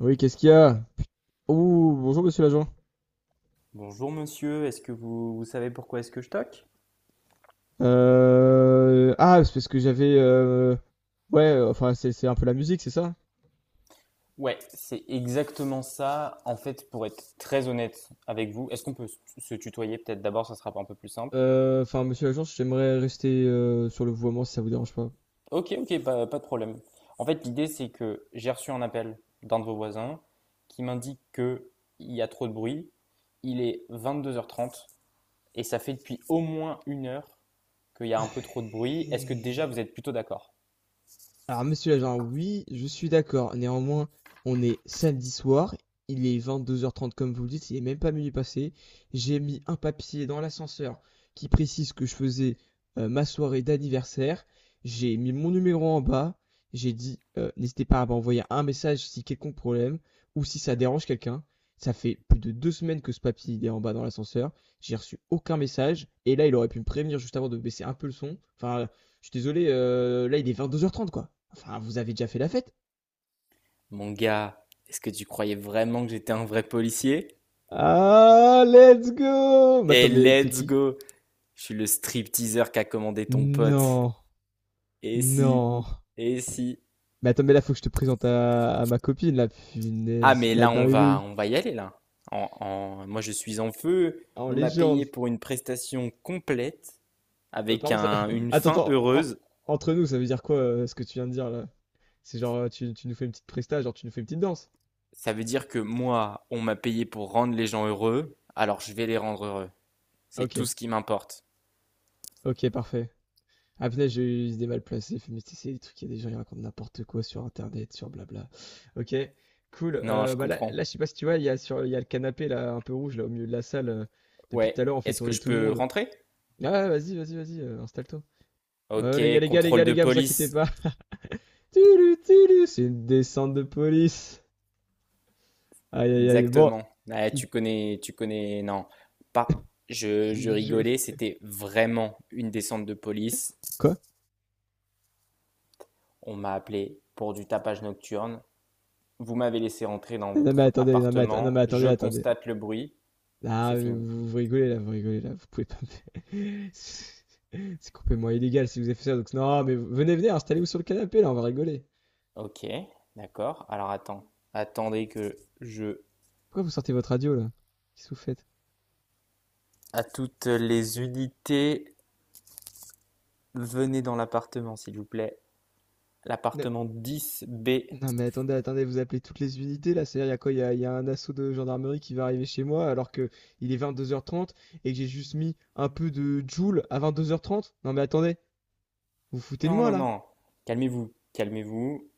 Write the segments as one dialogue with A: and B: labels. A: Oui, qu'est-ce qu'il y a? Oh, bonjour monsieur l'agent.
B: Bonjour monsieur, est-ce que vous, vous savez pourquoi est-ce que je toque?
A: Ah, c'est parce que j'avais... ouais, enfin c'est un peu la musique, c'est ça?
B: Ouais, c'est exactement ça. En fait, pour être très honnête avec vous, est-ce qu'on peut se tutoyer peut-être d'abord, ça sera un peu plus simple.
A: Enfin monsieur l'agent, j'aimerais rester sur le vouvoiement si ça vous dérange pas.
B: Ok, ok, pas de problème. En fait, l'idée c'est que j'ai reçu un appel d'un de vos voisins qui m'indique que il y a trop de bruit. Il est 22h30 et ça fait depuis au moins une heure qu'il y a un peu trop de bruit. Est-ce que déjà
A: Ouais.
B: vous êtes plutôt d'accord?
A: Alors, monsieur l'agent, oui, je suis d'accord. Néanmoins, on est samedi soir. Il est 22h30, comme vous le dites. Il est même pas minuit passé. J'ai mis un papier dans l'ascenseur qui précise que je faisais ma soirée d'anniversaire. J'ai mis mon numéro en bas. J'ai dit, n'hésitez pas à m'envoyer un message si quelconque problème ou si ça dérange quelqu'un. Ça fait plus de 2 semaines que ce papier il est en bas dans l'ascenseur. J'ai reçu aucun message. Et là, il aurait pu me prévenir juste avant de baisser un peu le son. Enfin, je suis désolé, là, il est 22h30, quoi. Enfin, vous avez déjà fait la fête?
B: Mon gars, est-ce que tu croyais vraiment que j'étais un vrai policier?
A: Ah, let's go! Mais attends,
B: Et
A: mais t'es
B: let's
A: qui?
B: go! Je suis le stripteaseur qu'a commandé ton pote.
A: Non,
B: Et si,
A: non.
B: et si.
A: Mais attends, mais là, faut que je te présente à ma copine, la
B: Ah,
A: punaise,
B: mais
A: la
B: là, on va,
A: dinguerie.
B: on va y aller, là. Moi, je suis en feu.
A: En
B: On m'a
A: légende.
B: payé pour une prestation complète,
A: Par
B: avec
A: contre, ça...
B: un- une
A: attends,
B: fin
A: attends,
B: heureuse.
A: entre nous, ça veut dire quoi ce que tu viens de dire là? C'est genre, tu nous fais une petite presta, genre tu nous fais une petite danse?
B: Ça veut dire que moi, on m'a payé pour rendre les gens heureux, alors je vais les rendre heureux. C'est
A: Ok,
B: tout ce qui m'importe.
A: ok, parfait. Ah punaise, j'ai eu des mal placés, mais tu sais, c'est des trucs, il y a des gens qui racontent n'importe quoi sur internet, sur blabla. Ok, cool.
B: Non, je
A: Bah là,
B: comprends.
A: là, je sais pas si tu vois, il y a le canapé là, un peu rouge là au milieu de la salle. Depuis
B: Ouais,
A: tout à l'heure, on fait
B: est-ce que
A: tourner
B: je
A: tout le
B: peux
A: monde.
B: rentrer?
A: Ah ouais, vas-y, vas-y, vas-y, installe-toi.
B: Ok,
A: Les gars, les gars, les
B: contrôle
A: gars, les
B: de
A: gars, vous inquiétez
B: police.
A: pas. Tulu, tulu, c'est une descente de police. Aïe, aïe, aïe. Bon,
B: Exactement. Ouais,
A: il-
B: tu connais, tu connais. Non, pas. Je
A: je-
B: rigolais. C'était vraiment une descente de police.
A: quoi?
B: On m'a appelé pour du tapage nocturne. Vous m'avez laissé entrer dans
A: Non mais
B: votre
A: attendez, non mais
B: appartement. Je
A: attendez, attendez.
B: constate le bruit.
A: Ah
B: C'est
A: mais
B: fini.
A: vous, vous rigolez là, vous rigolez là, vous pouvez pas. me- C'est complètement illégal si vous avez fait ça. Donc, non, mais venez, venez, installez-vous sur le canapé, là, on va rigoler.
B: Ok, d'accord. Alors attends. Attendez que je.
A: Pourquoi vous sortez votre radio, là? Qu'est-ce que vous faites?
B: À toutes les unités, venez dans l'appartement, s'il vous plaît.
A: Non,
B: L'appartement 10B.
A: non, mais attendez, attendez, vous appelez toutes les unités, là. C'est-à-dire, il y a quoi? Il y a un assaut de gendarmerie qui va arriver chez moi alors que il est 22h30 et que j'ai juste mis un peu de Joule à 22h30? Non, mais attendez, vous vous foutez de
B: Non,
A: moi,
B: non,
A: là?
B: non. Calmez-vous. Calmez-vous.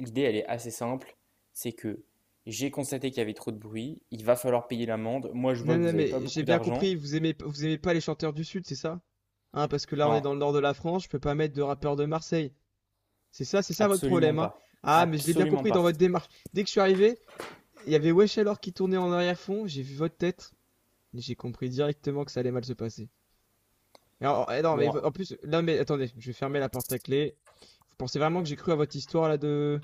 B: L'idée, elle est assez simple. C'est que j'ai constaté qu'il y avait trop de bruit. Il va falloir payer l'amende. Moi, je vois
A: Non,
B: que vous
A: non,
B: n'avez pas
A: mais j'ai
B: beaucoup
A: bien
B: d'argent.
A: compris, vous aimez pas les chanteurs du Sud, c'est ça? Hein, parce que là, on est
B: Non,
A: dans le nord de la France, je peux pas mettre de rappeurs de Marseille. C'est ça votre
B: absolument
A: problème, hein.
B: pas.
A: Ah, mais je l'ai bien
B: Absolument
A: compris dans
B: pas.
A: votre démarche. Dès que je suis arrivé, il y avait Wesh alors qui tournait en arrière-fond, j'ai vu votre tête, et j'ai compris directement que ça allait mal se passer. Et alors, eh non, mais
B: Bon,
A: en plus, là, mais attendez, je vais fermer la porte à clé. Vous pensez vraiment que j'ai cru à votre histoire là de.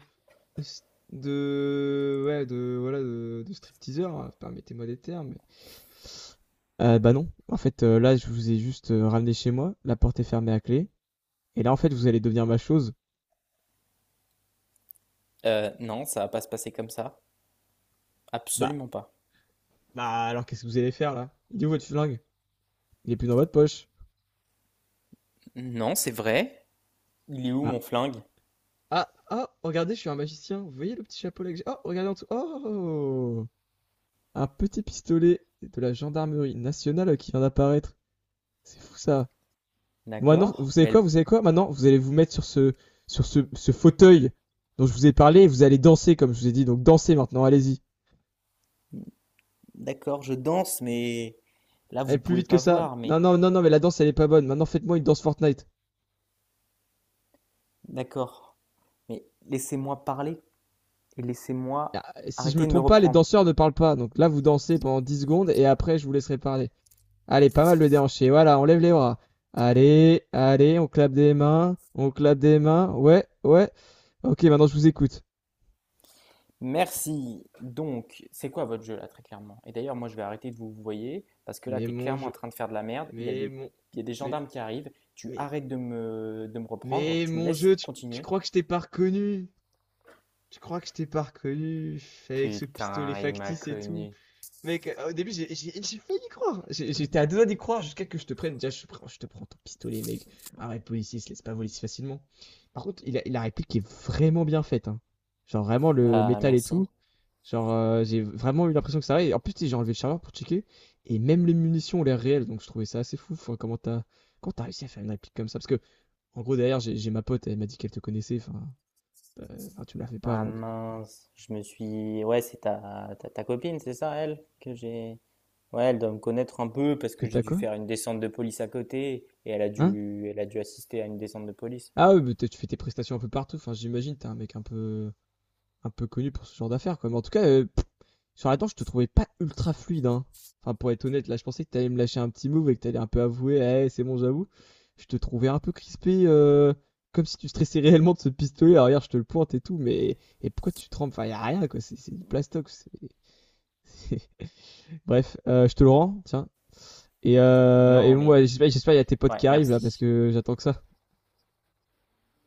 A: Ouais, de. Voilà, de stripteaseur, hein, permettez-moi des termes. Bah non, en fait, là, je vous ai juste ramené chez moi, la porte est fermée à clé, et là, en fait, vous allez devenir ma chose.
B: non, ça va pas se passer comme ça.
A: Bah,
B: Absolument pas.
A: bah alors qu'est-ce que vous allez faire là? Il est où votre flingue? Il est plus dans votre poche.
B: Non, c'est vrai. Il est où
A: Ah.
B: mon flingue?
A: Ah, oh, regardez, je suis un magicien. Vous voyez le petit chapeau là que j'ai? Oh, regardez en dessous. Oh, un petit pistolet de la gendarmerie nationale qui vient d'apparaître. C'est fou ça. Bon, maintenant, vous
B: D'accord.
A: savez quoi? Vous savez quoi? Maintenant, vous allez vous mettre sur ce fauteuil dont je vous ai parlé et vous allez danser comme je vous ai dit. Donc dansez maintenant, allez-y.
B: D'accord, je danse, mais là,
A: Allez
B: vous
A: plus
B: pouvez
A: vite que
B: pas
A: ça.
B: voir.
A: Non,
B: Mais
A: non, non, non, mais la danse elle est pas bonne. Maintenant, faites-moi une danse Fortnite.
B: d'accord. Mais laissez-moi parler et laissez-moi
A: Ah, si je me
B: arrêter de me
A: trompe pas, les
B: reprendre.
A: danseurs ne parlent pas. Donc là, vous dansez pendant 10 secondes et après, je vous laisserai parler. Allez, pas mal le déhanché. Voilà, on lève les bras. Allez, allez, on clappe des mains, on clappe des mains. Ouais, ouais. Ok, maintenant je vous écoute.
B: Merci. Donc, c'est quoi votre jeu là, très clairement? Et d'ailleurs, moi, je vais arrêter de vous parce que là,
A: Mais
B: t'es
A: mon
B: clairement en
A: jeu,
B: train de faire de la merde. Il y a
A: mais
B: des,
A: mon,
B: il y a des
A: mais,
B: gendarmes qui arrivent. Tu
A: mais,
B: arrêtes de me reprendre.
A: mais
B: Tu me
A: mon
B: laisses
A: jeu, tu
B: continuer.
A: crois que je t'ai pas reconnu? Tu crois que je t'ai pas reconnu avec ce pistolet
B: Putain, il m'a
A: factice et tout?
B: connu.
A: Mec, au début, j'ai failli y croire. J'étais à deux doigts d'y croire jusqu'à que je te prenne. Déjà, je te prends ton pistolet, mec. Arrête, policier, se laisse pas voler si facilement. Par contre, la réplique est vraiment bien faite, hein. Genre, vraiment, le
B: Ah,
A: métal et
B: merci.
A: tout. Genre, j'ai vraiment eu l'impression que ça allait. En plus, tu sais, j'ai enlevé le chargeur pour checker. Et même les munitions ont l'air réelles. Donc, je trouvais ça assez fou. Enfin, comment t'as réussi à faire une réplique comme ça? Parce que, en gros, derrière, j'ai ma pote. Elle m'a dit qu'elle te connaissait. Enfin, ah, tu me la fais pas,
B: Ah
A: moi.
B: mince, je me suis. Ouais, c'est ta copine, c'est ça, elle, que j'ai. Ouais, elle doit me connaître un peu parce
A: Que
B: que j'ai
A: t'as
B: dû
A: quoi?
B: faire une descente de police à côté et elle a
A: Hein?
B: dû, elle a dû assister à une descente de police.
A: Ah oui, mais tu fais tes prestations un peu partout. Enfin, j'imagine, t'es un mec un peu connu pour ce genre d'affaires, quoi. Mais en tout cas, sur la danse, je te trouvais pas ultra fluide, hein. Enfin, pour être honnête, là, je pensais que t'allais me lâcher un petit move et que t'allais un peu avouer: «Eh, c'est bon, j'avoue». Je te trouvais un peu crispé, comme si tu stressais réellement de ce pistolet. Alors regarde, je te le pointe et tout, mais et pourquoi tu trembles? Enfin, y a rien, quoi, c'est du plastox c'est bref, je te le rends, tiens. Et
B: Non,
A: bon,
B: mais
A: ouais, j'espère il y a tes potes
B: ouais,
A: qui arrivent, là, parce
B: merci.
A: que j'attends que ça.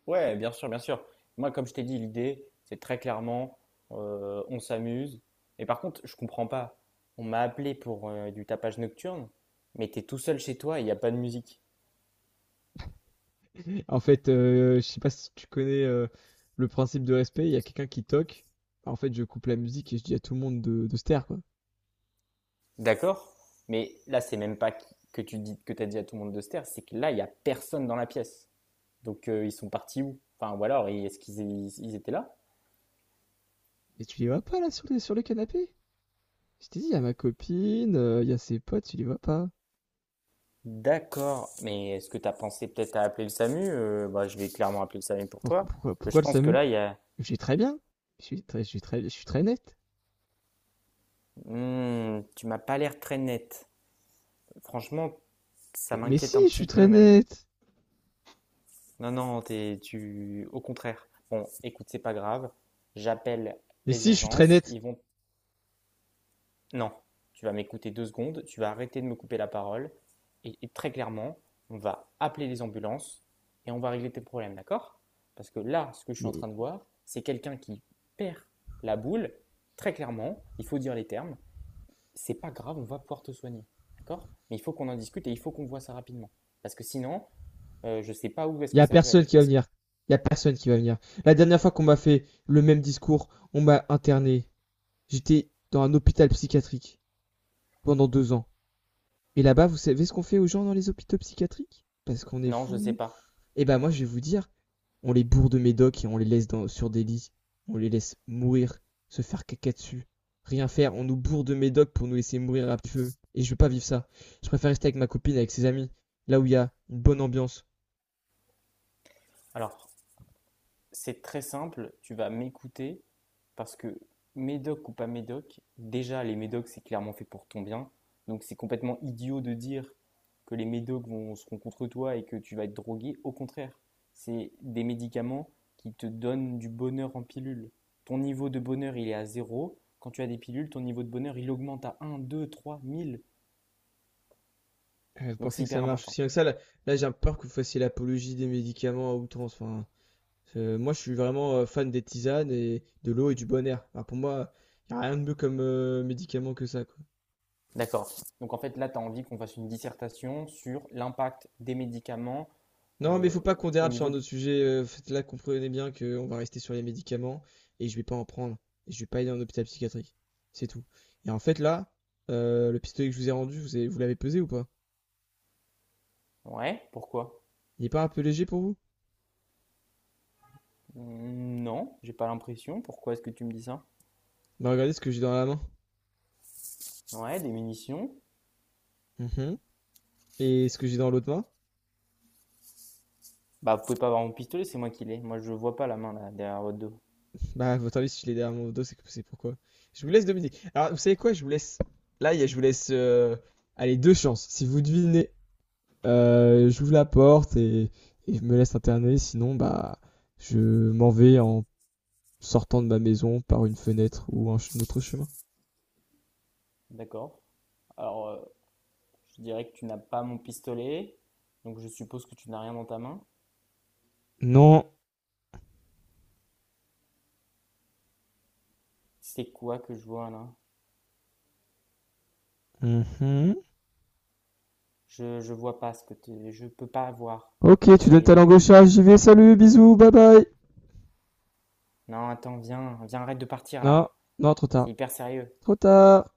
B: Ouais, bien sûr, bien sûr. Moi, comme je t'ai dit, l'idée, c'est très clairement, on s'amuse. Et par contre, je comprends pas. On m'a appelé pour du tapage nocturne, mais t'es tout seul chez toi et il n'y a pas de musique.
A: En fait, je sais pas si tu connais le principe de respect, il y a quelqu'un qui toque. En fait, je coupe la musique et je dis à tout le monde de se taire, quoi.
B: D'accord? Mais là, c'est même pas que tu dis, que t'as dit à tout le monde de se taire, c'est que là, il n'y a personne dans la pièce. Donc, ils sont partis où? Enfin, ou alors, est-ce qu'ils ils- ils étaient là?
A: Et tu les vois pas là sur le canapé? Je t'ai dit, il y a ma copine, il y a ses potes, tu les vois pas.
B: D'accord, mais est-ce que tu as pensé peut-être à appeler le SAMU? Bah, je vais clairement appeler le SAMU pour
A: Pourquoi,
B: toi.
A: pourquoi,
B: Parce que
A: pourquoi
B: je
A: le
B: pense que
A: SAMU?
B: là, il y a.
A: Je suis très bien. Je suis très, je suis très, je suis très net.
B: Hmm, tu m'as pas l'air très net. Franchement, ça
A: Mais
B: m'inquiète
A: si,
B: un
A: je
B: petit
A: suis
B: peu
A: très
B: même.
A: net.
B: Non, non, tu, au contraire. Bon, écoute, c'est pas grave. J'appelle
A: Mais
B: les
A: si, je suis très
B: urgences.
A: net.
B: Ils vont. Non, tu vas m'écouter deux secondes. Tu vas arrêter de me couper la parole. Et très clairement, on va appeler les ambulances et on va régler tes problèmes, d'accord? Parce que là, ce que je suis en
A: Mais
B: train de voir, c'est quelqu'un qui perd la boule. Très clairement, il faut dire les termes. C'est pas grave, on va pouvoir te soigner. D'accord? Mais il faut qu'on en discute et il faut qu'on voit ça rapidement. Parce que sinon, je ne sais pas où est-ce
A: il y
B: que
A: a
B: ça peut
A: personne
B: aller.
A: qui va venir. Il y a personne qui va venir. La dernière fois qu'on m'a fait le même discours, on m'a interné. J'étais dans un hôpital psychiatrique pendant 2 ans. Et là-bas, vous savez ce qu'on fait aux gens dans les hôpitaux psychiatriques? Parce qu'on est
B: Non, je ne sais
A: fous.
B: pas.
A: Eh ben moi, je vais vous dire, on les bourre de médoc et on les laisse dans, sur des lits. On les laisse mourir, se faire caca dessus. Rien faire, on nous bourre de médoc pour nous laisser mourir à petit feu. Et je veux pas vivre ça. Je préfère rester avec ma copine, avec ses amis, là où il y a une bonne ambiance.
B: Alors, c'est très simple, tu vas m'écouter. Parce que médoc ou pas médoc, déjà les médocs c'est clairement fait pour ton bien. Donc c'est complètement idiot de dire que les médocs vont, seront contre toi et que tu vas être drogué. Au contraire, c'est des médicaments qui te donnent du bonheur en pilule. Ton niveau de bonheur il est à zéro. Quand tu as des pilules, ton niveau de bonheur il augmente à un, 2, 3, mille.
A: Vous
B: Donc
A: pensez
B: c'est
A: que ça
B: hyper
A: marche
B: important.
A: aussi bien que ça? Là, là, j'ai peur que vous fassiez l'apologie des médicaments à outrance. Enfin, moi, je suis vraiment fan des tisanes et de l'eau et du bon air. Alors, pour moi, il n'y a rien de mieux comme médicament que ça, quoi.
B: D'accord. Donc en fait là tu as envie qu'on fasse une dissertation sur l'impact des médicaments
A: Non, mais il
B: euh,
A: faut pas qu'on
B: au
A: dérape sur
B: niveau
A: un
B: de...
A: autre sujet. Là, comprenez bien qu'on va rester sur les médicaments et je vais pas en prendre. Et je vais pas aller en hôpital psychiatrique. C'est tout. Et en fait, là, le pistolet que je vous ai rendu, vous l'avez pesé ou pas?
B: Ouais, pourquoi?
A: Il est pas un peu léger pour vous?
B: Mmh, non, j'ai pas l'impression. Pourquoi est-ce que tu me dis ça?
A: Bah, regardez ce que j'ai dans la main.
B: Ouais, des munitions.
A: Mhm. Et ce que j'ai dans l'autre main.
B: Bah, vous pouvez pas avoir mon pistolet, c'est moi qui l'ai. Moi, je vois pas la main là, derrière votre dos.
A: Bah, votre avis, si je l'ai derrière mon dos, c'est pourquoi. Je vous laisse deviner. Alors, vous savez quoi? Je vous laisse. Là, je vous laisse. Allez, deux chances. Si vous devinez, j'ouvre la porte et je me laisse interner. Sinon, bah, je m'en vais en sortant de ma maison par une fenêtre ou un autre chemin.
B: D'accord. Alors, je dirais que tu n'as pas mon pistolet, donc je suppose que tu n'as rien dans ta main.
A: Non.
B: C'est quoi que je vois là?
A: Mhm.
B: Je vois pas ce que tu... Je peux pas voir.
A: Ok, tu donnes ta
B: J'ai...
A: langue au chat. J'y vais. Salut, bisous, bye bye.
B: Non, attends, viens, viens, arrête de partir
A: Non,
B: là.
A: non, trop tard.
B: C'est hyper sérieux.
A: Trop tard.